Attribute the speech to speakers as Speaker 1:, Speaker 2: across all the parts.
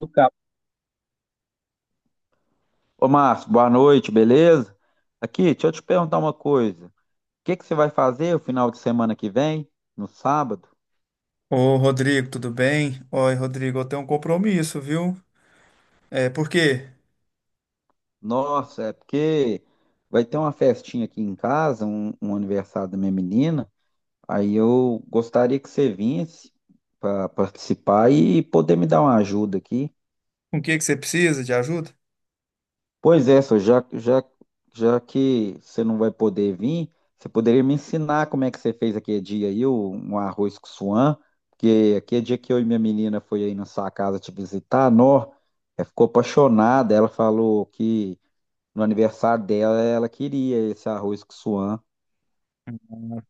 Speaker 1: Do Cabo. Ô, Márcio, boa noite, beleza? Aqui, deixa eu te perguntar uma coisa. O que que você vai fazer o final de semana que vem, no sábado?
Speaker 2: Ô, Rodrigo, tudo bem? Oi, Rodrigo, eu tenho um compromisso, viu? É, por quê?
Speaker 1: Nossa, é porque vai ter uma festinha aqui em casa, um aniversário da minha menina. Aí eu gostaria que você viesse para participar e poder me dar uma ajuda aqui.
Speaker 2: Com o que que você precisa de ajuda?
Speaker 1: Pois é, já que você não vai poder vir, você poderia me ensinar como é que você fez aquele dia aí, um arroz com suã, porque aquele dia que eu e minha menina foi aí na sua casa te visitar, nó, ela ficou apaixonada, ela falou que no aniversário dela ela queria esse arroz com suã.
Speaker 2: Ah,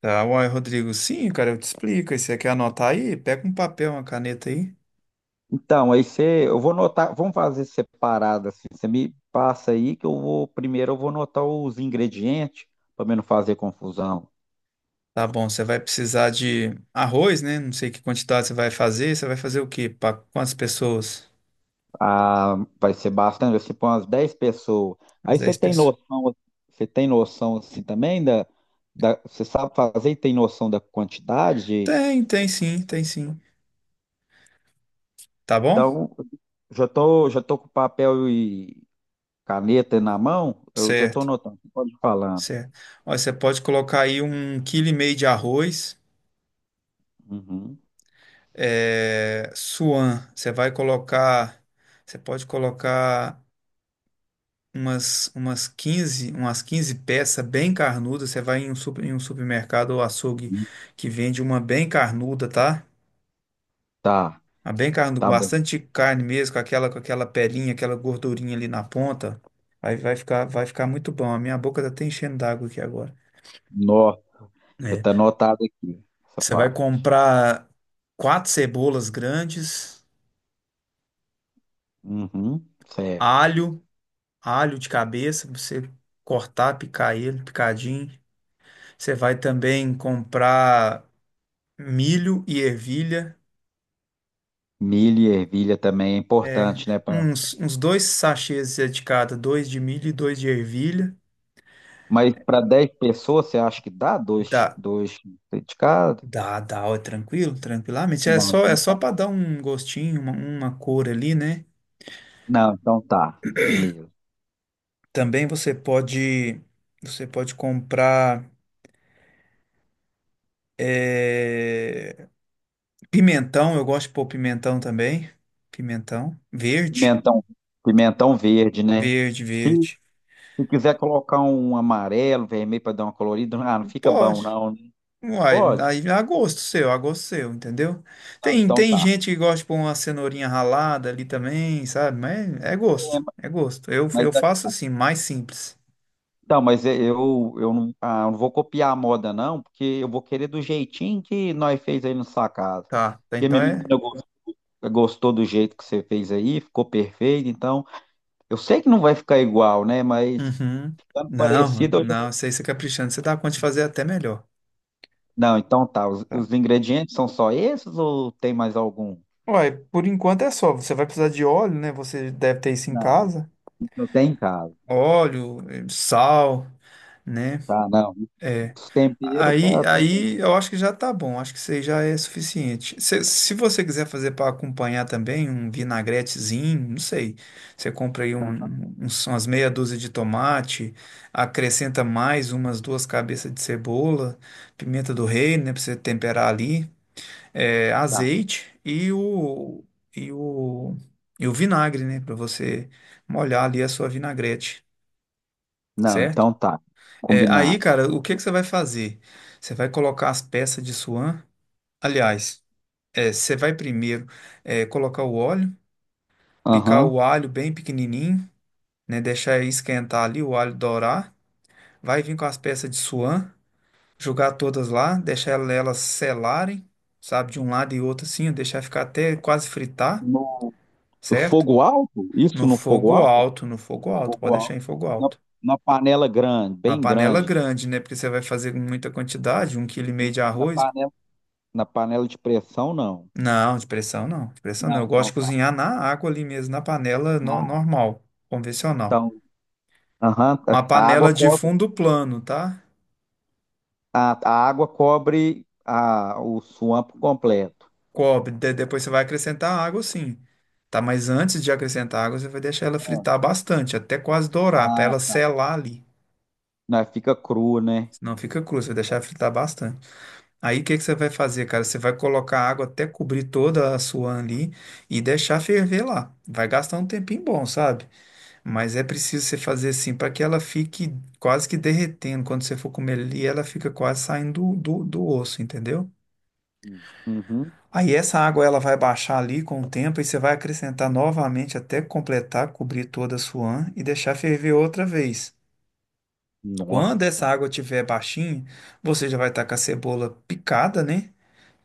Speaker 2: Tá, uai, Rodrigo, sim, cara, eu te explico. E você quer anotar aí? Pega um papel, uma caneta aí.
Speaker 1: Então, aí você, eu vou anotar, vamos fazer separado assim, você me passa aí que eu vou, primeiro eu vou anotar os ingredientes, para não fazer confusão.
Speaker 2: Tá bom, você vai precisar de arroz, né? Não sei que quantidade você vai fazer. Você vai fazer o quê? Para quantas pessoas?
Speaker 1: Ah, vai ser bastante, vai ser para umas 10 pessoas.
Speaker 2: As
Speaker 1: Aí
Speaker 2: dez pessoas.
Speaker 1: você tem noção assim também você sabe fazer e tem noção da quantidade?
Speaker 2: Tem sim, tem sim. Tá bom?
Speaker 1: Então, já tô com papel e caneta na mão, eu já tô
Speaker 2: Certo,
Speaker 1: anotando, você pode ir falando.
Speaker 2: certo. Olha, você pode colocar aí 1,5 kg de arroz.
Speaker 1: Uhum.
Speaker 2: É, suan. Você pode colocar umas 15 peças bem carnudas. Você vai em em um supermercado ou açougue
Speaker 1: Uhum.
Speaker 2: que vende uma bem carnuda, tá?
Speaker 1: Tá,
Speaker 2: Uma bem carnuda, com
Speaker 1: tá bom.
Speaker 2: bastante carne mesmo, com aquela pelinha, aquela gordurinha ali na ponta. Vai ficar muito bom. A minha boca tá até enchendo d'água aqui agora.
Speaker 1: Nó, já
Speaker 2: É.
Speaker 1: tá anotado aqui, essa
Speaker 2: Você vai
Speaker 1: parte.
Speaker 2: comprar quatro cebolas grandes,
Speaker 1: Uhum, certo.
Speaker 2: alho. alho de cabeça, pra você cortar, picar ele, picadinho. Você vai também comprar milho e ervilha.
Speaker 1: Milho e ervilha também é
Speaker 2: É,
Speaker 1: importante, né?
Speaker 2: uns dois sachês de cada, dois de milho e dois de ervilha.
Speaker 1: Mas para 10 pessoas, você acha que dá? Dois,
Speaker 2: Dá,
Speaker 1: dois criticados?
Speaker 2: dá, dá, ó, é tranquilo, tranquilamente.
Speaker 1: Não,
Speaker 2: É
Speaker 1: então
Speaker 2: só para
Speaker 1: tá.
Speaker 2: dar um gostinho, uma cor ali, né?
Speaker 1: Não, então tá. Beleza.
Speaker 2: Também você pode, você pode comprar é, pimentão. Eu gosto de pôr pimentão também. Pimentão verde.
Speaker 1: Pimentão, pimentão verde, né?
Speaker 2: Verde,
Speaker 1: Se,
Speaker 2: verde.
Speaker 1: se quiser colocar um amarelo, vermelho para dar uma colorida, ah, não fica bom,
Speaker 2: Pode.
Speaker 1: não, né?
Speaker 2: Uai,
Speaker 1: Pode?
Speaker 2: aí é a gosto seu, entendeu?
Speaker 1: Não,
Speaker 2: Tem,
Speaker 1: então
Speaker 2: tem
Speaker 1: tá.
Speaker 2: gente que gosta de pôr uma cenourinha ralada ali também, sabe? Mas é
Speaker 1: É,
Speaker 2: gosto, é gosto. Eu,
Speaker 1: mas,
Speaker 2: eu
Speaker 1: é,
Speaker 2: faço assim, mais simples.
Speaker 1: então, mas é, eu não, ah, eu não vou copiar a moda, não, porque eu vou querer do jeitinho que nós fez aí na sua casa.
Speaker 2: Tá, tá,
Speaker 1: Porque
Speaker 2: então
Speaker 1: minha
Speaker 2: é.
Speaker 1: menina gostou do jeito que você fez aí, ficou perfeito, então. Eu sei que não vai ficar igual, né? Mas
Speaker 2: Uhum.
Speaker 1: ficando
Speaker 2: Não,
Speaker 1: parecido,
Speaker 2: não, isso aí você caprichando, você dá conta de fazer até melhor.
Speaker 1: não. Então tá. Os,
Speaker 2: Tá.
Speaker 1: os ingredientes são só esses ou tem mais algum?
Speaker 2: Uai, por enquanto é só. Você vai precisar de óleo, né? Você deve ter isso em
Speaker 1: Não,
Speaker 2: casa.
Speaker 1: isso eu tenho em casa.
Speaker 2: Óleo, sal, né?
Speaker 1: Tá, não.
Speaker 2: É.
Speaker 1: Os temperos
Speaker 2: Aí, aí eu acho que já tá bom, acho que isso aí já é suficiente. Se você quiser fazer para acompanhar também um vinagretezinho, não sei, você compra aí
Speaker 1: tá, tá.
Speaker 2: umas meia dúzia de tomate, acrescenta mais umas duas cabeças de cebola, pimenta do reino, né, para você temperar ali, é,
Speaker 1: tá.
Speaker 2: azeite e o, e o vinagre, né, para você molhar ali a sua vinagrete,
Speaker 1: Não,
Speaker 2: certo?
Speaker 1: então tá.
Speaker 2: É, aí,
Speaker 1: Combinado.
Speaker 2: cara, o que que você vai fazer? Você vai colocar as peças de suan. Aliás, é, você vai primeiro colocar o óleo, picar
Speaker 1: Aham.
Speaker 2: o alho bem pequenininho, né? Deixar esquentar ali, o alho dourar. Vai vir com as peças de suan, jogar todas lá, deixar elas selarem, sabe? De um lado e outro assim, deixar ficar até quase fritar,
Speaker 1: No no
Speaker 2: certo?
Speaker 1: fogo alto? Isso
Speaker 2: No
Speaker 1: no fogo
Speaker 2: fogo
Speaker 1: alto?
Speaker 2: alto, no fogo alto, pode
Speaker 1: Fogo
Speaker 2: deixar
Speaker 1: alto.
Speaker 2: em fogo
Speaker 1: Na,
Speaker 2: alto.
Speaker 1: na panela grande,
Speaker 2: Uma
Speaker 1: bem
Speaker 2: panela
Speaker 1: grande.
Speaker 2: grande, né? Porque você vai fazer com muita quantidade, um quilo e meio de
Speaker 1: Na
Speaker 2: arroz.
Speaker 1: panela, na panela de pressão, não.
Speaker 2: Não, de pressão não, de pressão não.
Speaker 1: Não,
Speaker 2: Eu gosto
Speaker 1: então
Speaker 2: de
Speaker 1: tá.
Speaker 2: cozinhar na água ali mesmo, na panela no-
Speaker 1: Ah,
Speaker 2: normal, convencional.
Speaker 1: então, aham,
Speaker 2: Uma
Speaker 1: a água
Speaker 2: panela de
Speaker 1: cobre.
Speaker 2: fundo plano, tá?
Speaker 1: A água cobre o swamp completo.
Speaker 2: Cobre. Depois você vai acrescentar água, sim. Tá, mas antes de acrescentar água, você vai deixar ela
Speaker 1: Ah,
Speaker 2: fritar bastante, até quase dourar, pra ela
Speaker 1: Ah,
Speaker 2: selar ali.
Speaker 1: né, fica cru, né?
Speaker 2: Senão fica crua, você vai deixar ela fritar bastante. Aí o que que você vai fazer, cara? Você vai colocar água até cobrir toda a sua ali e deixar ferver lá. Vai gastar um tempinho bom, sabe? Mas é preciso você fazer assim para que ela fique quase que derretendo. Quando você for comer ali, ela fica quase saindo do osso, entendeu?
Speaker 1: Hum. Uhum.
Speaker 2: Aí essa água ela vai baixar ali com o tempo e você vai acrescentar novamente até completar, cobrir toda a suã e deixar ferver outra vez. Quando essa
Speaker 1: Nossa.
Speaker 2: água estiver baixinha, você já vai estar com a cebola picada, né?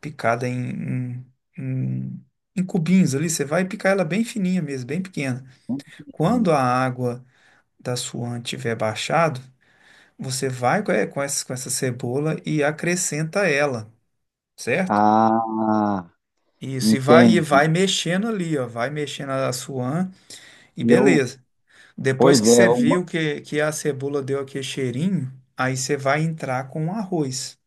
Speaker 2: Picada em em cubinhos ali. Você vai picar ela bem fininha mesmo, bem pequena. Quando
Speaker 1: Hum.
Speaker 2: a água da suã tiver baixado, você vai com essa cebola e acrescenta ela, certo?
Speaker 1: Ah,
Speaker 2: Isso, e vai
Speaker 1: entende.
Speaker 2: mexendo ali, ó, vai mexendo a suã e
Speaker 1: Eu,
Speaker 2: beleza. Depois
Speaker 1: pois
Speaker 2: que
Speaker 1: é,
Speaker 2: você
Speaker 1: uma-
Speaker 2: viu que a cebola deu aquele cheirinho, aí você vai entrar com o arroz.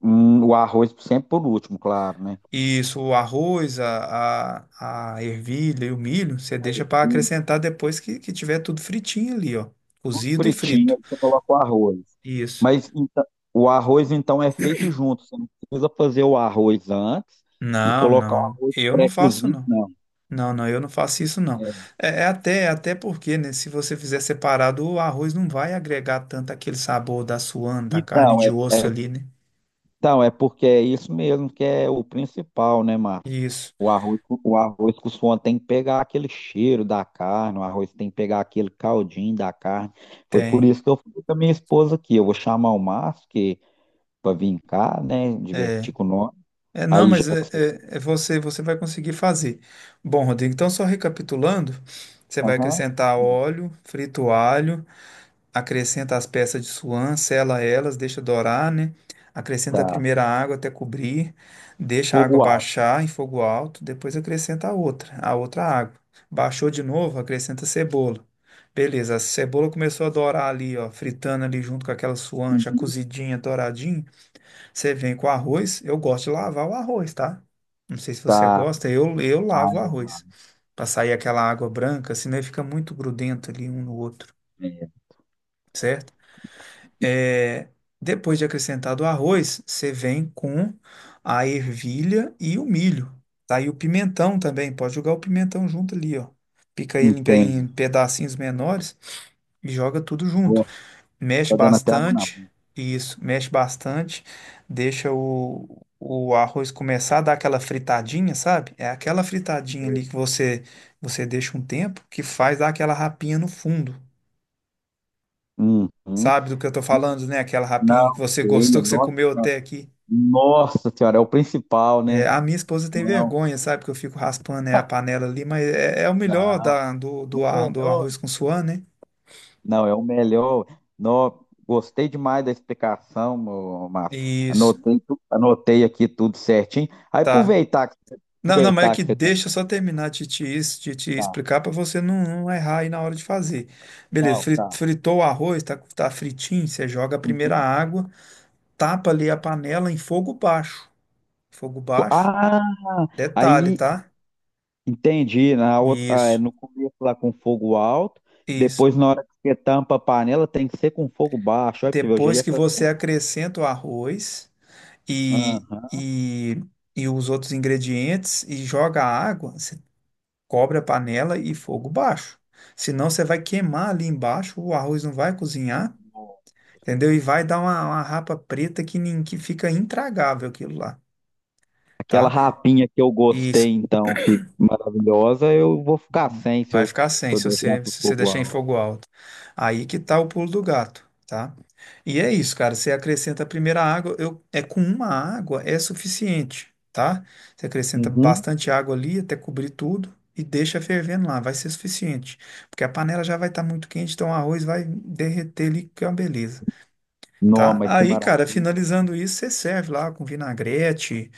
Speaker 1: o arroz sempre por último, claro, né?
Speaker 2: Isso, o arroz, a ervilha e o milho, você deixa para
Speaker 1: E
Speaker 2: acrescentar depois que tiver tudo fritinho ali, ó,
Speaker 1: tudo
Speaker 2: cozido e
Speaker 1: fritinho,
Speaker 2: frito.
Speaker 1: aí você coloca o arroz.
Speaker 2: Isso.
Speaker 1: Mas então, o arroz então é feito junto, você não precisa fazer o arroz antes e
Speaker 2: Não,
Speaker 1: colocar o
Speaker 2: não,
Speaker 1: arroz
Speaker 2: eu não faço
Speaker 1: pré-cozido,
Speaker 2: não.
Speaker 1: não.
Speaker 2: Não, não, eu não faço isso não.
Speaker 1: É,
Speaker 2: É até porque, né, se você fizer separado, o arroz não vai agregar tanto aquele sabor da suana, da carne
Speaker 1: Então,
Speaker 2: de
Speaker 1: é,
Speaker 2: osso
Speaker 1: é
Speaker 2: ali, né?
Speaker 1: Então, é porque é isso mesmo que é o principal, né, Márcio?
Speaker 2: Isso,
Speaker 1: O arroz, o arroz com suã tem que pegar aquele cheiro da carne, o arroz tem que pegar aquele caldinho da carne. Foi por
Speaker 2: tem.
Speaker 1: isso que eu fui com a minha esposa aqui. Eu vou chamar o Márcio que, para vir cá, né, divertir com nós.
Speaker 2: É, não,
Speaker 1: Aí já
Speaker 2: mas é,
Speaker 1: que você... tá,
Speaker 2: é- é você, você vai conseguir fazer. Bom, Rodrigo, então só recapitulando, você vai
Speaker 1: Aham,
Speaker 2: acrescentar óleo, frito alho, acrescenta as peças de suã, sela elas, deixa dourar, né? Acrescenta a
Speaker 1: tá.
Speaker 2: primeira água até cobrir, deixa a água
Speaker 1: Fogo alto.
Speaker 2: baixar em fogo alto, depois acrescenta a outra água. Baixou de novo, acrescenta cebola. Beleza, a cebola começou a dourar ali, ó, fritando ali junto com aquela suã já
Speaker 1: Uhum.
Speaker 2: cozidinha, douradinha. Você vem com o arroz, eu gosto de lavar o arroz, tá? Não sei se você
Speaker 1: Tá.
Speaker 2: gosta, eu lavo o
Speaker 1: Aí eu lá.
Speaker 2: arroz. Pra sair aquela água branca, senão ele fica muito grudento ali um no outro,
Speaker 1: É,
Speaker 2: certo? É, depois de acrescentado o arroz, você vem com a ervilha e o milho, tá? E o pimentão também, pode jogar o pimentão junto ali, ó. Pica ele em
Speaker 1: entende.
Speaker 2: pedacinhos menores e joga tudo junto.
Speaker 1: Nossa,
Speaker 2: Mexe
Speaker 1: tá dando até água na
Speaker 2: bastante, isso, mexe bastante, deixa o arroz começar a dar aquela fritadinha, sabe? É aquela fritadinha
Speaker 1: boca.
Speaker 2: ali que você deixa um tempo que faz dar aquela rapinha no fundo.
Speaker 1: Uhum.
Speaker 2: Sabe do que eu tô falando, né? Aquela rapinha que
Speaker 1: Não,
Speaker 2: você
Speaker 1: ceia.
Speaker 2: gostou, que você
Speaker 1: Nossa,
Speaker 2: comeu até aqui.
Speaker 1: nossa senhora, é o principal,
Speaker 2: É,
Speaker 1: né?
Speaker 2: a minha esposa tem
Speaker 1: Não,
Speaker 2: vergonha, sabe? Que eu fico raspando, né, a panela ali, mas é, é o melhor
Speaker 1: não,
Speaker 2: da, do, do,
Speaker 1: o
Speaker 2: ar- do
Speaker 1: melhor.
Speaker 2: arroz com suã, né?
Speaker 1: Não, é o melhor. Não, gostei demais da explicação, ô, Márcio.
Speaker 2: Isso,
Speaker 1: Anotei, anotei aqui tudo certinho.
Speaker 2: tá. Não, não, mas é
Speaker 1: Aproveitar
Speaker 2: que
Speaker 1: que você tá.
Speaker 2: deixa eu só terminar de de te
Speaker 1: Tá.
Speaker 2: explicar para você não, não errar aí na hora de fazer. Beleza,
Speaker 1: Não, tá.
Speaker 2: fritou o arroz, tá, tá fritinho, você joga a primeira
Speaker 1: Uhum.
Speaker 2: água, tapa ali a panela em fogo baixo. Fogo baixo,
Speaker 1: Ah,
Speaker 2: detalhe,
Speaker 1: aí
Speaker 2: tá?
Speaker 1: entendi. Na outra, ah, é,
Speaker 2: Isso.
Speaker 1: no começo lá com fogo alto,
Speaker 2: Isso.
Speaker 1: depois na hora que você tampa a panela tem que ser com fogo baixo. Olha pra você ver, eu já
Speaker 2: Depois
Speaker 1: ia
Speaker 2: que você
Speaker 1: fazer.
Speaker 2: acrescenta o arroz e,
Speaker 1: Aham.
Speaker 2: e, e os outros ingredientes e joga a água, você cobre a panela e fogo baixo. Senão você vai queimar ali embaixo, o arroz não vai cozinhar, entendeu? E vai dar uma rapa preta que fica intragável aquilo lá,
Speaker 1: Aquela
Speaker 2: tá?
Speaker 1: rapinha que eu
Speaker 2: E
Speaker 1: gostei, então, que maravilhosa, eu vou ficar sem se
Speaker 2: vai
Speaker 1: eu,
Speaker 2: ficar
Speaker 1: se
Speaker 2: sem
Speaker 1: eu
Speaker 2: se
Speaker 1: deixar
Speaker 2: você,
Speaker 1: pro
Speaker 2: se você
Speaker 1: fogo
Speaker 2: deixar em
Speaker 1: alto.
Speaker 2: fogo alto. Aí que tá o pulo do gato, tá? E é isso, cara. Você acrescenta a primeira água, é com uma água é suficiente, tá? Você acrescenta
Speaker 1: Uhum.
Speaker 2: bastante água ali até cobrir tudo e deixa fervendo lá, vai ser suficiente. Porque a panela já vai estar muito quente, então o arroz vai derreter ali, que é uma beleza, tá?
Speaker 1: Noma, que
Speaker 2: Aí, cara,
Speaker 1: maravilha.
Speaker 2: finalizando isso, você serve lá com vinagrete,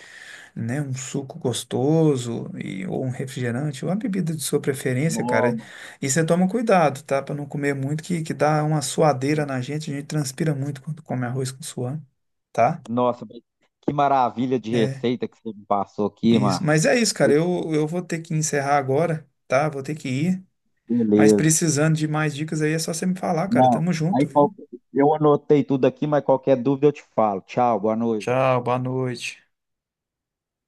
Speaker 2: né, um suco gostoso ou um refrigerante, ou a bebida de sua preferência, cara.
Speaker 1: Noma.
Speaker 2: E você toma cuidado, tá? Pra não comer muito, que dá uma suadeira na gente, a gente transpira muito quando come arroz com suã, tá?
Speaker 1: Nossa, mas que maravilha de
Speaker 2: É,
Speaker 1: receita que você me passou aqui,
Speaker 2: isso.
Speaker 1: Márcio.
Speaker 2: Mas é isso, cara. Eu vou ter que encerrar agora, tá? Vou ter que ir. Mas
Speaker 1: Beleza.
Speaker 2: precisando de mais dicas aí, é só você me falar, cara.
Speaker 1: Não,
Speaker 2: Tamo
Speaker 1: aí
Speaker 2: junto,
Speaker 1: qual-
Speaker 2: viu?
Speaker 1: eu anotei tudo aqui, mas qualquer dúvida eu te falo. Tchau, boa noite.
Speaker 2: Tchau, boa noite.